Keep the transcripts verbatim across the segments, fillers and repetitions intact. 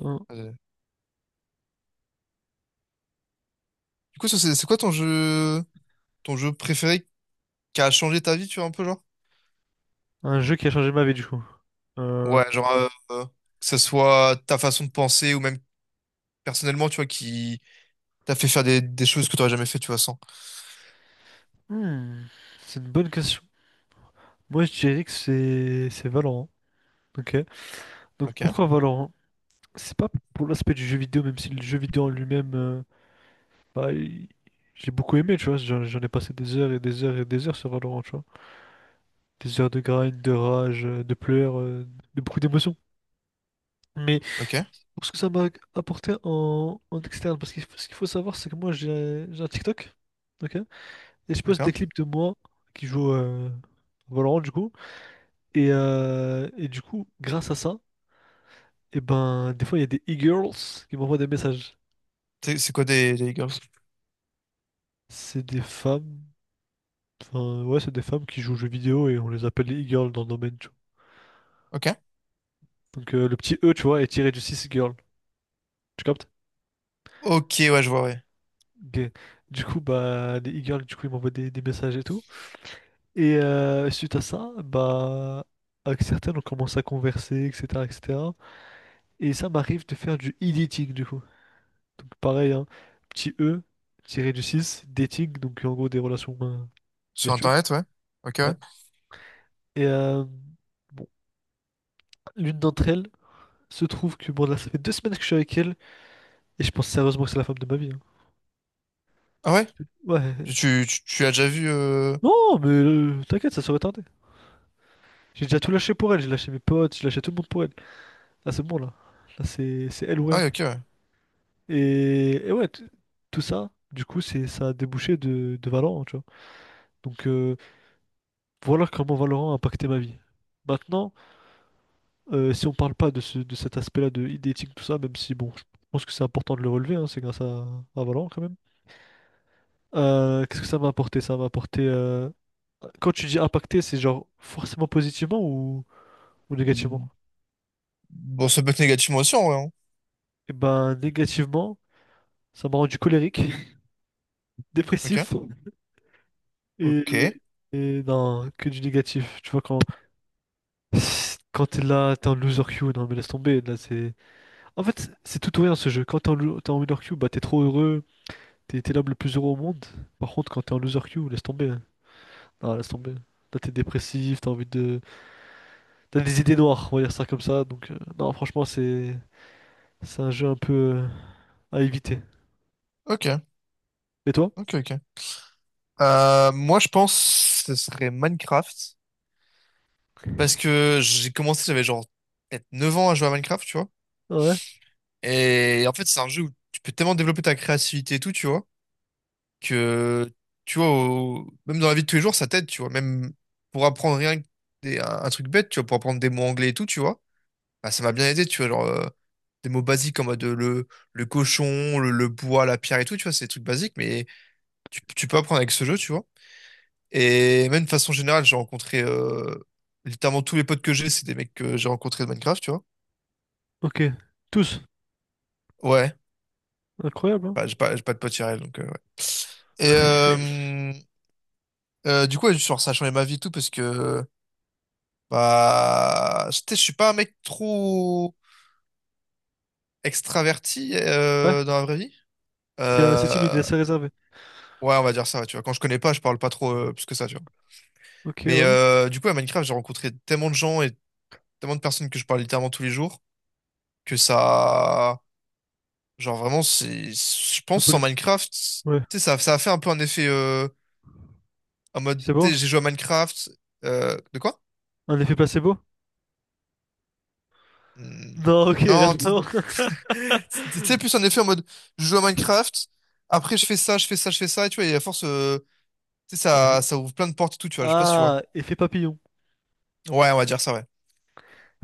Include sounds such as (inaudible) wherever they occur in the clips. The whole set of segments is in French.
Un, Euh, Du coup, ça, c'est c'est quoi ton jeu, ton jeu préféré qui a changé ta vie, tu vois, un peu, genre? un jeu qui a changé ma vie, du coup. Euh, Ouais, genre, euh, euh, que ce soit ta façon de penser ou même personnellement, tu vois, qui t'a fait faire des, des choses que t'aurais jamais fait, tu vois, sans. hmm, c'est une bonne question. Moi, je dirais que c'est c'est Valorant. Ok. Donc, Ok, pourquoi Valorant? C'est pas pour l'aspect du jeu vidéo, même si le jeu vidéo en lui-même, euh, bah, il- j'ai beaucoup aimé, tu vois. J'en j'en ai passé des heures et des heures et des heures sur Valorant, tu vois. Des heures de grind, de rage, euh, de pleurs, euh, de beaucoup d'émotions. Mais ok, pour ce que ça m'a apporté en, en externe, parce que ce qu'il faut savoir, c'est que moi, j'ai j'ai un TikTok. Ok. Et je poste des d'accord. clips de moi qui joue euh, Valorant du coup. Et, euh, et du coup, grâce à ça, et ben des fois il y a des e-girls qui m'envoient des messages. C'est c'est quoi des, des Girls? C'est des femmes. Enfin ouais, c'est des femmes qui jouent aux jeux vidéo et on les appelle les e-girls dans le domaine, tu vois. Ok. Donc euh, le petit E, tu vois, est tiré du six girl. Tu captes? Ok, ouais, je vois, ouais. Ok. Du coup, bah les e-girls, du coup, ils m'envoient des, des messages et tout. Et euh, suite à ça, bah avec certaines, on commence à converser, et cetera, et cetera. Et cetera. Et ça m'arrive de faire du editing, du coup. Donc pareil, hein, petit E, tiré du six dating, donc en gros des relations euh, Sur virtuelles. Internet, ouais. Ok, ouais. Ouais. Et euh, bon, L'une d'entre elles se trouve que bon là ça fait deux semaines que je suis avec elle et je pense sérieusement que c'est la femme de ma vie, hein. Ah ouais? Ouais. Tu, tu, tu- tu as déjà vu... euh, Non, mais euh, t'inquiète, ça serait tardé. J'ai déjà tout lâché pour elle, j'ai lâché mes potes, j'ai lâché tout le monde pour elle. Là c'est bon là. Là c'est c'est elle ou Ah rien. ouais, ok, ouais. Et, et ouais, t- tout ça, du coup, c'est ça a débouché de, de Valorant, tu vois. Donc euh, voilà comment Valorant a impacté ma vie. Maintenant. Euh, si on parle pas de, ce- de cet aspect-là de e tout ça, même si bon, je pense que c'est important de le relever, hein, c'est grâce à, à Valorant quand même. Euh, qu'est-ce que ça va apporter? Ça va apporter, euh, quand tu dis impacter, c'est genre forcément positivement ou, ou négativement? Mm. Bon, ça peut être négativement aussi, en vrai, hein. Et ben, négativement, ça m'a rendu colérique, (laughs) Ok. dépressif et, Ok. et non, que du négatif. Tu vois, quand, quand t'es là, t'es en loser queue, non mais laisse tomber, là c'est. En fait, c'est tout ou rien ce jeu. Quand t'es en, lo- t'es en winner queue, bah t'es trop heureux. T'es t'es l'homme le plus heureux au monde. Par contre, quand t'es en loser queue, laisse tomber, hein. Non, laisse tomber. Là, t'es dépressif, t'as envie de. T'as des idées noires, on va dire ça comme ça. Donc, euh, non, franchement, c'est. C'est un jeu un peu, euh, à éviter. Ok. Et toi? Ok, ok. Euh, moi, je pense que ce serait Minecraft. Parce que j'ai commencé, j'avais genre peut-être neuf ans à jouer à Minecraft, tu vois. Ouais. Et en fait, c'est un jeu où tu peux tellement développer ta créativité et tout, tu vois, que, tu vois, au- même dans la vie de tous les jours, ça t'aide, tu vois. Même pour apprendre rien que des- un, un truc bête, tu vois, pour apprendre des mots anglais et tout, tu vois. Bah, ça m'a bien aidé, tu vois, genre euh, des mots basiques en mode euh, le, le cochon, le, le bois, la pierre et tout, tu vois, c'est des trucs basiques, mais tu, tu peux apprendre avec ce jeu, tu vois. Et même de façon générale, j'ai rencontré euh, littéralement tous les potes que j'ai, c'est des mecs que j'ai rencontrés de Minecraft, tu vois. Ok. Tous. Ouais. Incroyable, hein? Bah, j'ai pas, j'ai pas de pote Irel, donc euh, ouais. Et euh, euh, du coup, ouais, genre, ça a changé ma vie et tout parce que bah, je sais, je suis pas un mec trop extraverti Ouais. euh, dans la vraie vie. T'es assez timide, Euh, assez réservé. ouais, on va dire ça, ouais, tu vois. Quand je connais pas, je parle pas trop euh, plus que ça, tu vois. Ok, Mais ouais. euh, du coup, à Minecraft, j'ai rencontré tellement de gens et tellement de personnes que je parle littéralement tous les jours que ça, genre vraiment, c'est, je Un pense sans peu... Minecraft, tu Ouais. sais, ça, ça a fait un peu un effet euh, en mode, C'est tu beau? sais, j'ai joué à Minecraft. Euh, de quoi? Un effet placebo? Hmm. Non, ok, rien à Non, tu voir. (laughs) (laughs) tu- sais, plus en effet en mode, je joue à Minecraft, après je fais ça, je fais ça, je fais ça, et tu vois, et à force, euh, tu sais, Un effet- ça, ça ouvre plein de portes et tout, tu vois, je sais pas si tu vois. Ah, effet papillon. Ouais, on va dire ça, ouais.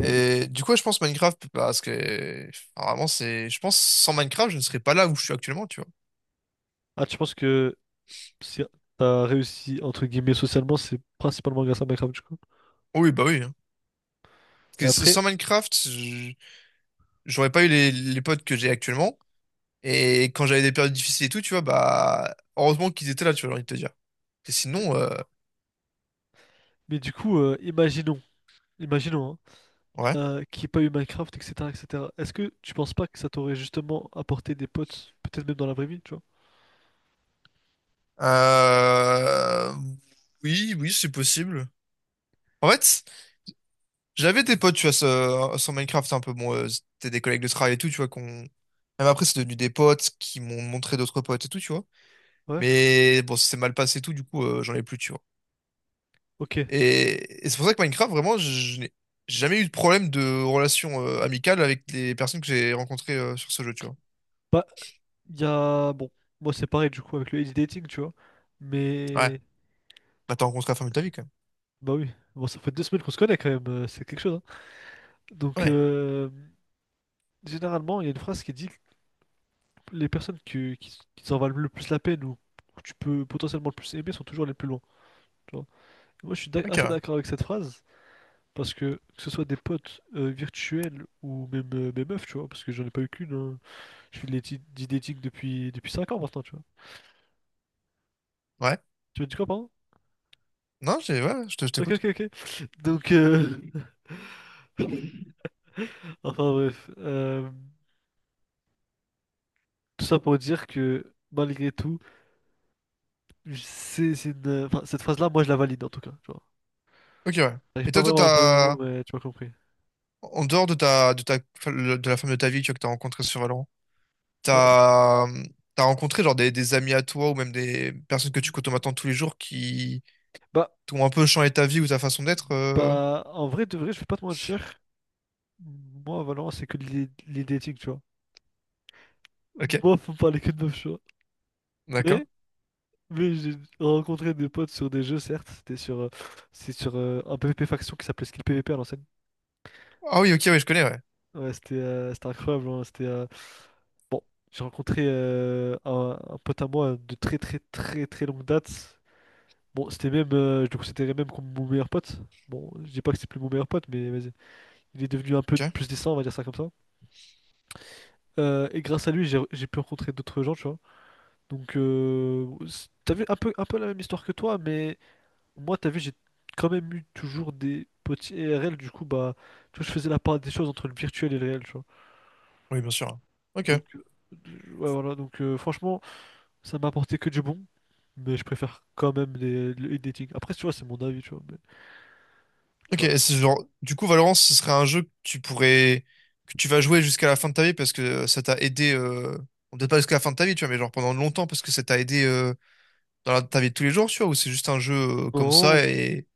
Et du coup, ouais, je pense Minecraft, parce que enfin, vraiment, c'est. Je pense sans Minecraft, je ne serais pas là où je suis actuellement, tu vois. Ah, tu penses que si t'as réussi, entre guillemets, socialement, c'est principalement grâce à Minecraft, du coup. Oui, bah oui, hein. Mais Parce que après, sans Minecraft, je- j'aurais pas eu les, les potes que j'ai actuellement. Et quand j'avais des périodes difficiles et tout, tu vois, bah, heureusement qu'ils étaient là, tu vois, j'ai envie de te dire. Parce que mais, sinon, euh, mais du coup, euh, imaginons, imaginons, hein, ouais. euh, qu'il n'y ait pas eu Minecraft, et cetera, et cetera. Est-ce que tu penses pas que ça t'aurait justement apporté des potes, peut-être même dans la vraie vie, tu vois? Euh, oui, oui, c'est possible. En fait, j'avais des potes, tu vois, sur, sur Minecraft un peu. Bon, euh, c'était des collègues de travail et tout, tu vois, qu'on... Même après, c'est devenu des potes qui m'ont montré d'autres potes et tout, tu vois. Ouais? Mais bon, ça s'est mal passé et tout, du coup, euh, j'en ai plus, tu vois. Ok. Et, et c'est pour ça que Minecraft, vraiment, je, je n'ai jamais eu de problème de relation euh, amicale avec les personnes que j'ai rencontrées euh, sur ce jeu, tu vois. Bah, il y a... Bon, moi c'est pareil, du coup, avec le age dating, tu vois. Ouais. Mais... Bah, t'as rencontré la femme de ta vie, quand même. Bah oui. Bon, ça fait deux semaines qu'on se connaît quand même, euh, c'est quelque chose, hein. Donc, Ouais. euh, généralement, il y a une phrase qui dit les personnes que- qui, qui s'en valent le plus la peine ou que tu peux potentiellement le plus aimer sont toujours les plus loin, tu vois. Et moi, je suis d'ac- Ok, assez ouais. d'accord avec cette phrase parce que que ce soit des potes euh, virtuels ou même euh, mes meufs, tu vois, parce que j'en ai pas eu qu'une, hein. Je fais de l'éthi- du dating depuis depuis cinq ans maintenant, tu vois. Ouais. Tu veux dire quoi, pardon? Non, j'ai... Ouais, je te- je Ok, t'écoute. ok, ok. Donc, euh, (laughs) enfin bref, euh, tout ça pour dire que malgré tout, je- c'est c'est une, enfin, cette phrase-là, moi, je la valide en tout cas, tu vois. Ok, ouais. J'arrive Et pas toi, toi, vraiment à trouver mes mots, t'as... mais tu m'as compris. En dehors de ta, de ta, de la femme de ta vie, tu vois, que t'as rencontrée sur Valorant, Ouais. t'as, t'as rencontré genre des, des amis à toi ou même des personnes que tu côtoies maintenant tous les jours qui Bah, t'ont un peu changé ta vie ou ta façon d'être. Euh, bah, en vrai, de vrai, je vais pas te mentir. Moi, à Valorant, c'est que les, les dating, tu vois. ok, Moi, faut me parler que de meufs, tu vois. d'accord. Mais, mais j'ai rencontré des potes sur des jeux, certes. C'était sur, euh, c'est sur euh, un PvP faction qui s'appelait Skill PvP à l'ancienne. Ah oui, ok, oui, je connais, ouais. Ouais, c'était euh, c'était incroyable, hein. C'était, euh, Bon, j'ai rencontré euh, un, un pote à moi de très, très, très, très longue date. Bon, c'était même, euh, je le considérais même comme mon meilleur pote. Bon, je dis pas que c'est plus mon meilleur pote, mais vas-y. Il est devenu un peu Ok, plus décent, on va dire ça comme ça. Euh, et grâce à lui, j'ai j'ai pu rencontrer d'autres gens, tu vois. Donc, euh, c'est- t'as vu un peu, un peu la même histoire que toi, mais moi, t'as vu, j'ai quand même eu toujours des petits I R L. Du coup, bah, tu vois, je faisais la part des choses entre le virtuel et le réel, tu vois. oui, bien sûr. Ok, Donc, euh, ouais, voilà. Donc, euh, franchement, ça m'a apporté que du bon, mais je préfère quand même les, le le dating. Après, tu vois, c'est mon avis, tu vois. Mais, tu ok. vois, Et c'est genre, du coup, Valorant, ce serait un jeu que tu pourrais, que tu vas jouer jusqu'à la fin de ta vie parce que euh, ça t'a aidé. Euh... bon, peut-être pas jusqu'à la fin de ta vie, tu vois, mais genre pendant longtemps parce que ça t'a aidé euh, dans la- ta vie de tous les jours, tu vois, ou c'est juste un jeu euh, comme non, ça et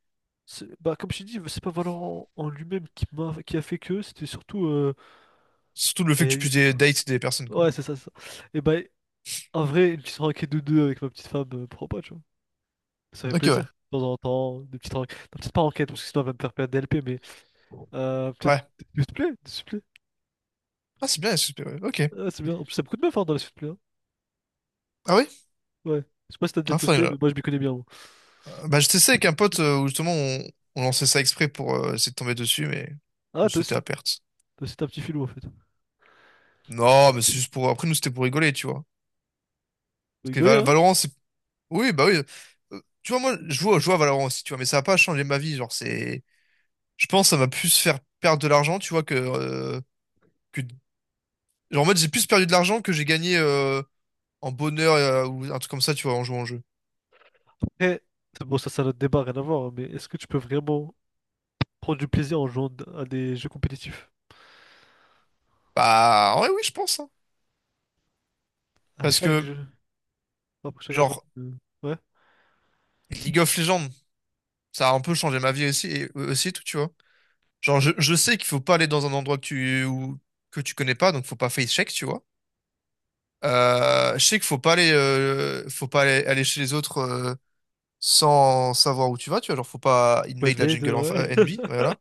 c'est- bah, comme je t'ai dit, c'est pas Valorant en lui-même qui m'a, qui a fait que, c'était surtout, euh, surtout le fait bah, il y que a tu eu- puisses des dates des personnes, quoi. ouais, c'est ça, c'est ça. Et bah, en vrai, une petite enquête de deux avec ma petite femme, euh, pourquoi pas, tu vois. Ça fait Ok, ouais. plaisir, de temps en temps, des petites enquêtes. Non, peut-être pas enquête, parce que sinon elle va me faire perdre des L P, mais euh, peut-être Ouais. des supplés, des supplés. Ah, c'est bien, S S P, ouais. Ok. Ah, c'est bien. En plus, ça me coûte bien fort dans les supplés, hein. Ah oui? Ouais. Je sais pas si t'as déjà Ah, faudrait testé, je- mais moi je m'y connais bien, moi. euh, bah, je testais avec un pote euh, où justement on, on lançait ça exprès pour euh, essayer de tomber dessus, mais Ah, oh, toi c'était aussi, à perte. toi aussi t'as un petit filou, en fait. Faut Non, mais c'est juste pour. Après, nous, c'était pour rigoler, tu vois. Parce que rigoler, Val- hein. Valorant, c'est. Oui, bah oui. Euh, tu vois, moi, je joue, je joue à Valorant aussi, tu vois, mais ça va pas changé ma vie. Genre, c'est. Je pense que ça m'a plus faire perdre de l'argent, tu vois, que, euh, que. Genre, en mode, j'ai plus perdu de l'argent que j'ai gagné euh, en bonheur euh, ou un truc comme ça, tu vois, en jouant en jeu. Après, c'est bon, ça, c'est un autre débat, rien à voir, hein, mais est-ce que tu peux vraiment prendre du plaisir en jouant d- à des jeux compétitifs? Bah, ouais, oui, je pense, hein. À Parce chaque que, jeu. Après, chacun son... genre, euh, Ouais. League of Legends, ça a un peu changé ma vie aussi, et, euh, aussi et tout, tu vois. Genre, je, je sais qu'il faut pas aller dans un endroit que tu, ou- que tu connais pas, donc faut pas face check, tu vois. Euh, je sais qu'il faut pas aller, euh, faut pas aller, aller chez les autres euh, sans savoir où tu vas, tu vois. Genre, faut pas Point invade la de jungle en euh, ouais. N B, (laughs) voilà.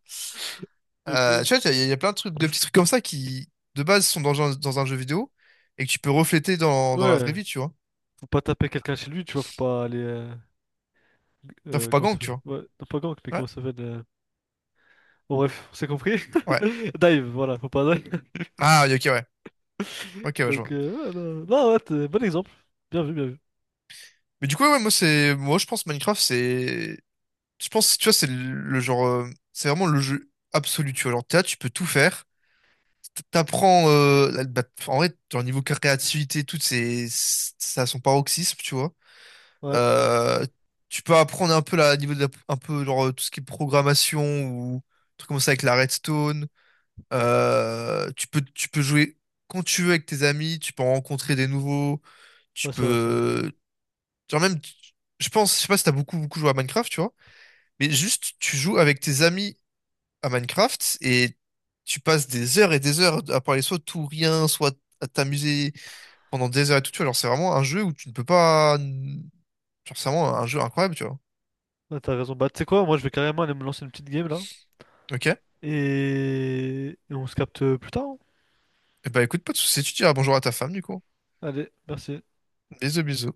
Euh, Ok. tu vois, il y, a il y a plein de trucs, de petits trucs comme ça qui, de base, sont dans, un- dans un jeu vidéo et que tu peux refléter dans, dans la vraie Ouais, vie, tu vois. faut pas taper quelqu'un chez lui, tu vois, faut pas aller, euh, Là, faut Euh, pas comment ça gang, tu s'appelle? vois. Ouais, non, pas gank, mais Ouais, comment ça s'appelle? euh, Bon, bref, on s'est compris. ouais. (laughs) Dive, voilà, faut pas dive. Ah, oui, ok, ouais. Ok, (laughs) ouais, je vois. Donc, euh, ouais, non, non, ouais, t'es- bon exemple. Bien vu, bien vu. Mais du coup, ouais, moi, c'est, moi, je pense Minecraft, c'est, je pense, tu vois, c'est le, genre, euh, c'est vraiment le jeu absolu, tu vois. Genre, t'es là, tu peux tout faire. T'apprends, euh, la- bah, en vrai, genre, niveau créativité, tout, c'est, ça a son paroxysme, tu vois. Ouais, Euh, tu peux apprendre un peu là, niveau de la- un peu, genre, euh, tout ce qui est programmation ou truc comme ça avec la redstone. Euh, tu peux, tu peux jouer quand tu veux avec tes amis, tu peux en rencontrer des nouveaux, tu ouais, c'est vrai, ça. peux, genre même, tu- je pense, je sais pas si t'as beaucoup, beaucoup joué à Minecraft, tu vois, mais juste, tu joues avec tes amis à Minecraft et tu passes des heures et des heures à parler soit de tout rien, soit à t'amuser pendant des heures et tout, tu vois. Genre, c'est vraiment un jeu où tu ne peux pas... Genre, c'est vraiment un jeu incroyable, tu vois. Ouais, t'as raison. Bah, tu sais quoi, moi, je vais carrément aller me lancer une petite game là. Ok? Et, et on se capte euh, plus tard, hein. Et bah écoute, pas de soucis, tu diras bonjour à ta femme, du coup. Allez, merci. Bisous, bisous.